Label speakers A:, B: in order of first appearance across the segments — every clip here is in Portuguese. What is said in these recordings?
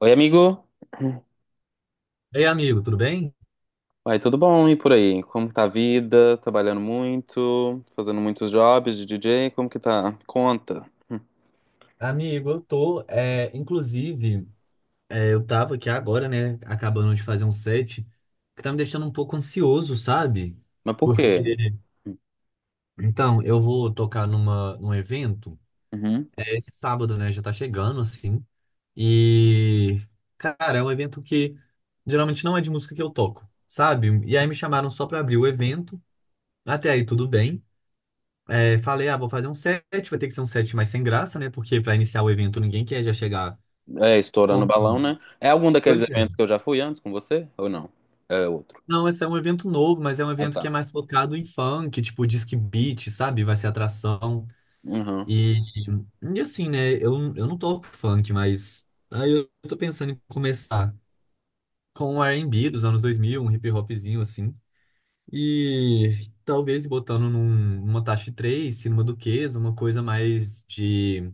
A: Oi, amigo.
B: Ei, amigo, tudo bem?
A: Vai, tudo bom? E por aí? Como tá a vida? Trabalhando muito? Fazendo muitos jobs de DJ? Como que tá? Conta.
B: Amigo, eu tô, inclusive, eu tava aqui agora, né, acabando de fazer um set, que tá me deixando um pouco ansioso, sabe?
A: Mas por quê?
B: Porque, então, eu vou tocar num evento,
A: Uhum.
B: é esse sábado, né, já tá chegando, assim, e, cara, é um evento que geralmente não é de música que eu toco, sabe? E aí me chamaram só pra abrir o evento. Até aí tudo bem. É, falei, ah, vou fazer um set, vai ter que ser um set mais sem graça, né, porque pra iniciar o evento ninguém quer já chegar.
A: É, estourando o
B: Como?
A: balão, né? É algum daqueles
B: Pois é.
A: eventos que eu já fui antes com você? Ou não? É outro.
B: Não, esse é um evento novo, mas é um
A: Ah,
B: evento que é
A: tá.
B: mais focado em funk, tipo disc beat, sabe? Vai ser atração.
A: Uhum.
B: E, e assim, né? Eu não toco funk, mas aí eu tô pensando em começar com o R&B dos anos 2000, um hip hopzinho assim. E talvez botando numa taxa 3, se numa Duquesa, uma coisa mais de,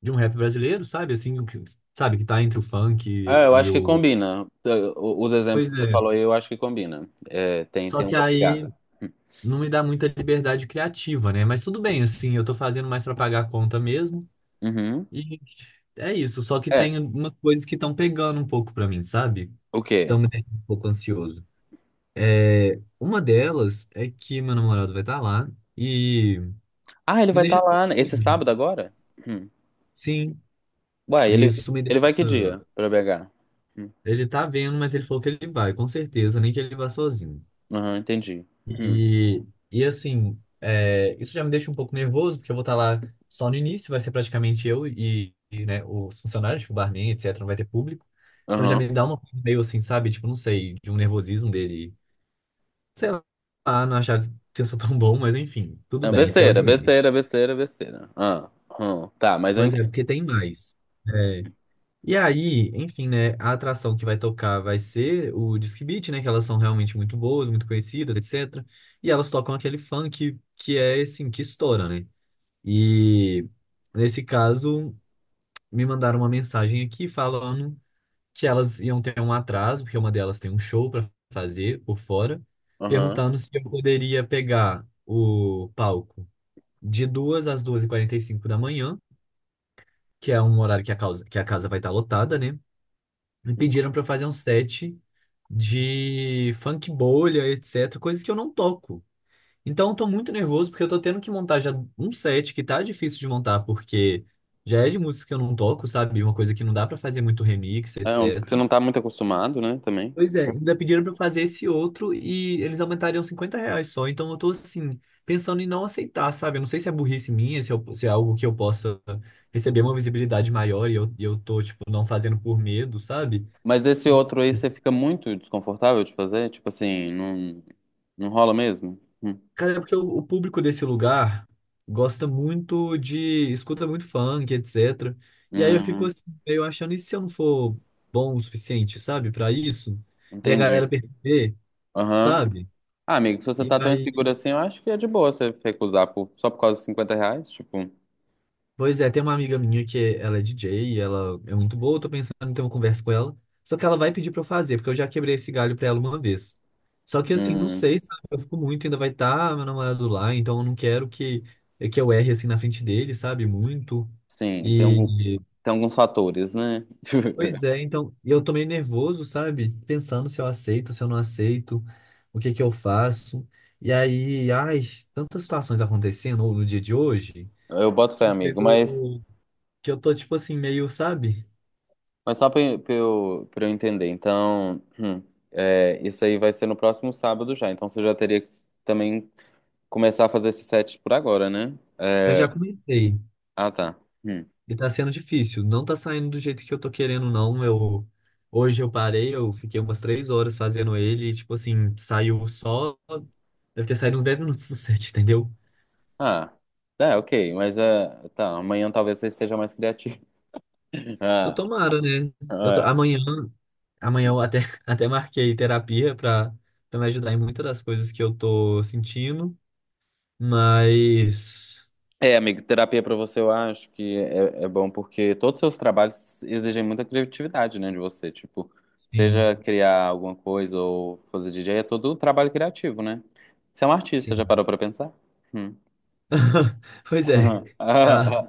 B: de um rap brasileiro, sabe? Assim, sabe? Que tá entre o funk e,
A: É, eu
B: e
A: acho que
B: o.
A: combina. Os exemplos
B: Pois
A: que você
B: é.
A: falou aí, eu acho que combina. É,
B: Só
A: tem
B: que
A: uma pegada.
B: aí não me dá muita liberdade criativa, né? Mas tudo bem, assim, eu tô fazendo mais pra pagar a conta mesmo.
A: Uhum.
B: E é isso, só que
A: É,
B: tem umas coisas que estão pegando um pouco pra mim, sabe?
A: o
B: Que
A: quê?
B: estão me deixando um pouco ansioso. É, uma delas é que meu namorado vai estar lá e
A: Ah, ele
B: me
A: vai estar
B: deixa
A: lá, né? Esse
B: doido.
A: sábado agora? Hum.
B: Sim,
A: Uai,
B: isso me
A: ele
B: deixa.
A: vai que dia pra BH?
B: Ele tá vendo, mas ele falou que ele vai, com certeza, nem que ele vá sozinho.
A: Aham, entendi. Hum,
B: E, e assim, isso já me deixa um pouco nervoso, porque eu vou estar lá só no início, vai ser praticamente eu e, né, os funcionários, tipo, o barman, etc., não vai ter público. Então já
A: Aham.
B: me dá uma coisa meio assim, sabe? Tipo, não sei, de um nervosismo dele, sei lá, não achar que eu sou tão bom, mas enfim, tudo
A: É
B: bem, esse é o de
A: besteira,
B: menos.
A: besteira, besteira, besteira. Ah, tá, mas eu
B: Pois é,
A: entendo.
B: porque tem mais. É. E aí, enfim, né? A atração que vai tocar vai ser o Disque Beat, né? Que elas são realmente muito boas, muito conhecidas, etc. E elas tocam aquele funk que é, assim, que estoura, né? E nesse caso, me mandaram uma mensagem aqui falando que elas iam ter um atraso, porque uma delas tem um show para fazer por fora,
A: Aham.
B: perguntando se eu poderia pegar o palco de 2h às 2h45 da manhã, que é um horário que a casa vai estar lotada, né? Me pediram para fazer um set de funk bolha, etc, coisas que eu não toco. Então eu tô muito nervoso porque eu tô tendo que montar já um set que tá difícil de montar porque já é de músicas que eu não toco, sabe? Uma coisa que não dá para fazer muito remix,
A: É um que você
B: etc.
A: não tá muito acostumado, né, também.
B: Pois é, ainda pediram para fazer esse outro e eles aumentariam R$ 50 só. Então eu tô assim, pensando em não aceitar, sabe? Eu não sei se é burrice minha, se é algo que eu possa receber uma visibilidade maior e eu tô, tipo, não fazendo por medo, sabe?
A: Mas esse outro aí você fica muito desconfortável de fazer? Tipo assim, não, não rola mesmo?
B: Cara, é porque o público desse lugar gosta escuta muito funk, etc. E aí eu fico
A: Hum,
B: assim, meio achando, e se eu não for bom o suficiente, sabe, pra isso? E a
A: Entendi.
B: galera perceber,
A: Aham.
B: sabe?
A: Ah, amigo, se você
B: E
A: tá tão
B: aí.
A: inseguro assim, eu acho que é de boa você recusar por, só por causa de cinquenta reais. Tipo,
B: Pois é, tem uma amiga minha que ela é DJ e ela é muito boa, eu tô pensando em ter uma conversa com ela. Só que ela vai pedir pra eu fazer, porque eu já quebrei esse galho pra ela uma vez. Só que assim, não
A: hum,
B: sei, sabe? Eu fico muito, ainda vai estar meu namorado lá, então eu não quero que, é que eu erre assim na frente dele, sabe? Muito.
A: sim,
B: E
A: tem alguns fatores, né?
B: pois é, então, e eu tô meio nervoso, sabe? Pensando se eu aceito, se eu não aceito, o que que eu faço. E aí, ai, tantas situações acontecendo no dia de hoje
A: Eu boto fé,
B: que
A: amigo, mas.
B: chegou que eu tô, tipo assim, meio, sabe?
A: Mas só pra eu entender, então, é, isso aí vai ser no próximo sábado já. Então você já teria que também começar a fazer esses sets por agora, né?
B: Eu já comecei
A: Ah, tá. Hum.
B: e tá sendo difícil. Não tá saindo do jeito que eu tô querendo, não. Hoje eu parei, eu fiquei umas 3 horas fazendo ele e, tipo assim, saiu só. Deve ter saído uns 10 minutos do set, entendeu?
A: Ah, é, ok. Mas é, tá, amanhã talvez você esteja mais criativo.
B: Eu tomara, né? Eu tô,
A: Ah, é.
B: amanhã, amanhã eu até, até marquei terapia pra, me ajudar em muitas das coisas que eu tô sentindo, mas.
A: É, amigo, terapia pra você eu acho que é bom porque todos os seus trabalhos exigem muita criatividade, né, de você. Tipo,
B: Sim,
A: seja criar alguma coisa ou fazer DJ, é todo trabalho criativo, né? Você é um artista,
B: sim.
A: já parou pra pensar? Hum.
B: Pois é. Tá.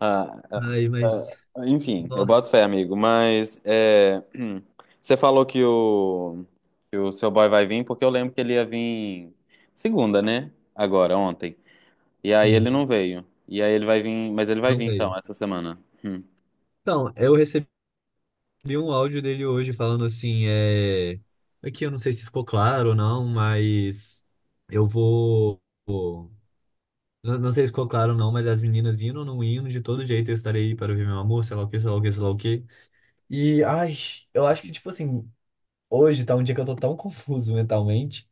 A: Ah,
B: Ai, mas.
A: enfim, eu boto fé,
B: Nossa.
A: amigo. Mas é, você falou que que o seu boy vai vir, porque eu lembro que ele ia vir segunda, né? Agora, ontem. E aí
B: Sim.
A: ele não veio. E aí ele vai vir, mas ele vai
B: Não
A: vir
B: veio.
A: então, essa semana. Hum.
B: Então, eu recebi um áudio dele hoje falando assim. Aqui eu não sei se ficou claro ou não, mas eu vou... vou- Não, não sei se ficou claro ou não, mas as meninas indo ou não indo, de todo jeito eu estarei aí para ver meu amor, sei lá o que, sei lá o que, sei lá o que. E, ai, eu acho que, tipo assim, hoje tá um dia que eu tô tão confuso mentalmente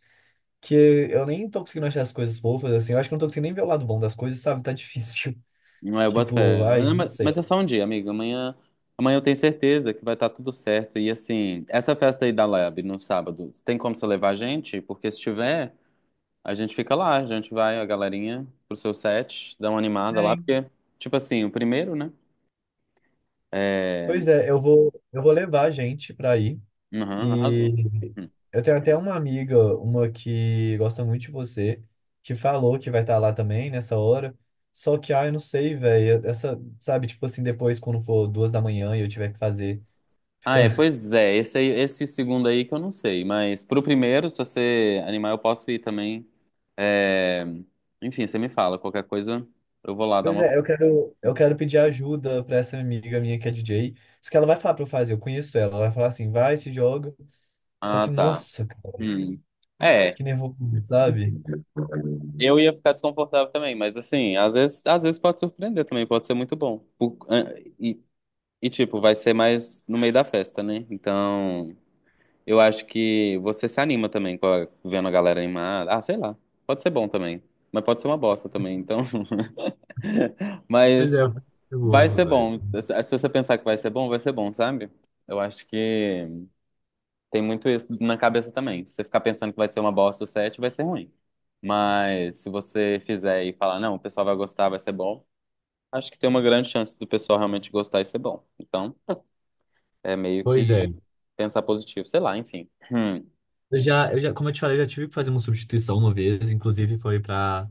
B: que eu nem tô conseguindo achar as coisas fofas, assim. Eu acho que eu não tô conseguindo nem ver o lado bom das coisas, sabe? Tá difícil.
A: Não é, eu boto
B: Tipo,
A: fé.
B: ai,
A: Ah,
B: não
A: Mas
B: sei.
A: mas é só um dia, amigo. Amanhã eu tenho certeza que vai estar tudo certo. E assim, essa festa aí da Lab no sábado, tem como você levar a gente? Porque se tiver. A gente fica lá, a gente vai, a galerinha, pro seu set, dá uma animada
B: É,
A: lá,
B: hein?
A: porque, tipo assim, o primeiro, né? É.
B: Pois é, eu vou levar a gente pra ir.
A: Aham,
B: E
A: arrasou. Hum.
B: eu tenho até uma amiga, uma que gosta muito de você, que falou que vai estar lá também nessa hora. Só que, ah, eu não sei, velho. Essa, sabe, tipo assim, depois quando for 2h da manhã e eu tiver que fazer,
A: Ah,
B: fica.
A: é, pois é, esse segundo aí que eu não sei, mas pro primeiro, se você animar, eu posso ir também. É... Enfim, você me fala, qualquer coisa, eu vou lá dar
B: Pois
A: uma.
B: é, eu quero pedir ajuda pra essa amiga minha que é DJ. Isso que ela vai falar pra eu fazer, eu conheço ela. Ela vai falar assim, vai, se joga. Só
A: Ah,
B: que,
A: tá.
B: nossa, cara,
A: Hum. É,
B: que nervoso, sabe?
A: eu ia ficar desconfortável também, mas assim, às vezes pode surpreender também, pode ser muito bom. E E, tipo, vai ser mais no meio da festa, né? Então, eu acho que você se anima também vendo a galera animada. Ah, sei lá. Pode ser bom também. Mas pode ser uma bosta também. Então,
B: Pois
A: mas
B: é, eu fico
A: vai
B: nervoso,
A: ser
B: velho.
A: bom. Se você pensar que vai ser bom, sabe? Eu acho que tem muito isso na cabeça também. Se você ficar pensando que vai ser uma bosta o set, vai ser ruim. Mas se você fizer e falar, não, o pessoal vai gostar, vai ser bom, acho que tem uma grande chance do pessoal realmente gostar e ser bom. Então. É meio
B: Pois
A: que
B: é.
A: pensar positivo, sei lá, enfim.
B: Eu já, como eu te falei, eu já tive que fazer uma substituição uma vez, inclusive foi pra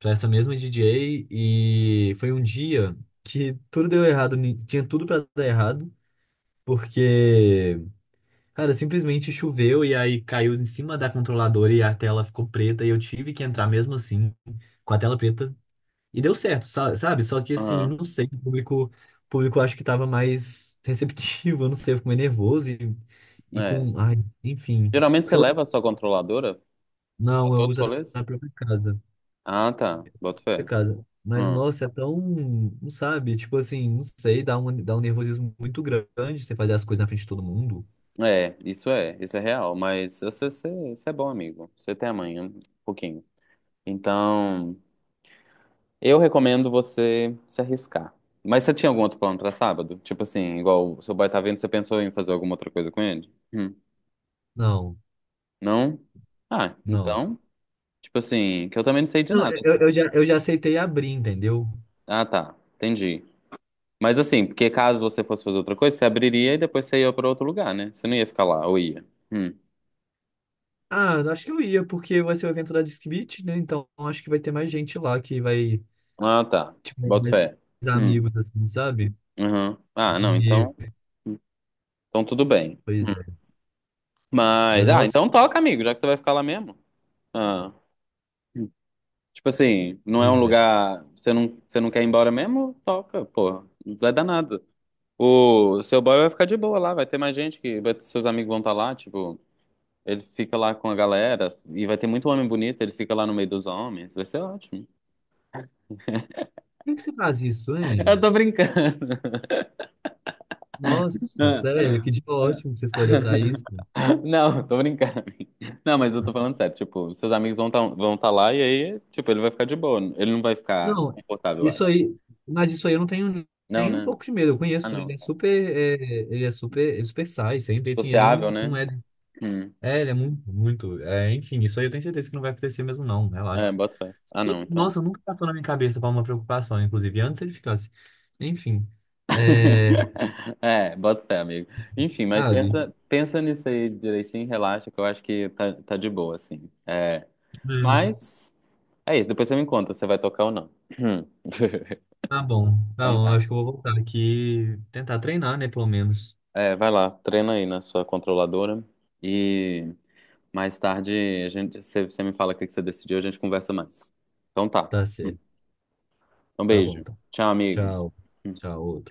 B: para essa mesma DJ e foi um dia que tudo deu errado, tinha tudo para dar errado, porque, cara, simplesmente choveu e aí caiu em cima da controladora e a tela ficou preta e eu tive que entrar mesmo assim com a tela preta e deu certo, sabe? Só que assim, eu
A: Aham,
B: não sei, o público acho que tava mais receptivo, eu não sei, eu fico meio nervoso e
A: é.
B: com, ai, enfim,
A: Geralmente você
B: porque eu,
A: leva a sua controladora pra
B: não, eu
A: todos os
B: uso
A: rolês?
B: na própria casa.
A: Ah, tá, boto
B: Por
A: fé.
B: causa. Mas,
A: Hum,
B: nossa, é tão, não sabe, tipo assim, não sei, dá um nervosismo muito grande você fazer as coisas na frente de todo mundo.
A: é, isso é real, mas você é bom amigo, você tem amanhã, um pouquinho. Então, eu recomendo você se arriscar. Mas você tinha algum outro plano pra sábado? Tipo assim, igual o seu boy tá vendo, você pensou em fazer alguma outra coisa com ele?
B: Não,
A: Não? Ah,
B: não.
A: então, tipo assim, que eu também não sei de
B: Não,
A: nada.
B: eu já aceitei abrir, entendeu?
A: Ah, tá, entendi. Mas assim, porque caso você fosse fazer outra coisa, você abriria e depois você ia pra outro lugar, né? Você não ia ficar lá, ou ia? Hum.
B: Ah, eu acho que eu ia, porque vai ser o evento da Disque Beat, né? Então acho que vai ter mais gente lá que vai,
A: Ah, tá.
B: tipo, mais
A: Boto fé. Hum.
B: amigos, assim, sabe?
A: Uhum. Ah, não,
B: E,
A: então. Então tudo bem.
B: pois é.
A: Mas.
B: Mas,
A: Ah,
B: nossa,
A: então toca, amigo, já que você vai ficar lá mesmo. Ah. Hum. Tipo assim, não é um
B: pois é.
A: lugar. Você não quer ir embora mesmo? Toca, porra. Não vai dar nada. O seu boy vai ficar de boa lá, vai ter mais gente que. Vai, seus amigos vão estar lá, tipo. Ele fica lá com a galera e vai ter muito homem bonito, ele fica lá no meio dos homens, vai ser ótimo.
B: Por que que você faz isso,
A: Eu
B: hein?
A: tô brincando.
B: Nossa, sério, que dia ótimo que você escolheu pra isso.
A: Não, tô brincando. Não, mas eu tô falando sério. Tipo, seus amigos vão tá lá e aí, tipo, ele vai ficar de boa. Ele não vai ficar
B: Não,
A: desconfortável, eu
B: isso
A: acho.
B: aí, mas isso aí eu não tenho
A: Não,
B: nem um
A: né?
B: pouco de medo. Eu
A: Ah,
B: conheço ele, ele
A: não.
B: é super, ele é super, ele é super sai sempre, enfim, ele
A: Sociável,
B: não, não
A: né?
B: é,
A: Hum.
B: é, ele é muito, muito, enfim, isso aí eu tenho certeza que não vai acontecer mesmo não,
A: É,
B: relaxa.
A: bota fé. Ah,
B: E,
A: não, então.
B: nossa, nunca passou na minha cabeça para uma preocupação, inclusive antes ele ficasse, enfim,
A: É, bota fé, amigo. Enfim, mas
B: sabe?
A: pensa nisso aí direitinho, relaxa, que eu acho que tá de boa, assim. É,
B: É,
A: mas é isso, depois você me conta se você vai tocar ou não.
B: tá
A: Então
B: bom,
A: tá.
B: acho que eu vou voltar aqui, tentar treinar, né, pelo menos.
A: É, vai lá, treina aí na sua controladora e mais tarde você me fala o que que você decidiu, a gente conversa mais. Então tá.
B: Tá certo,
A: Um
B: tá bom,
A: beijo.
B: tá.
A: Tchau, amigo.
B: Tchau, tchau.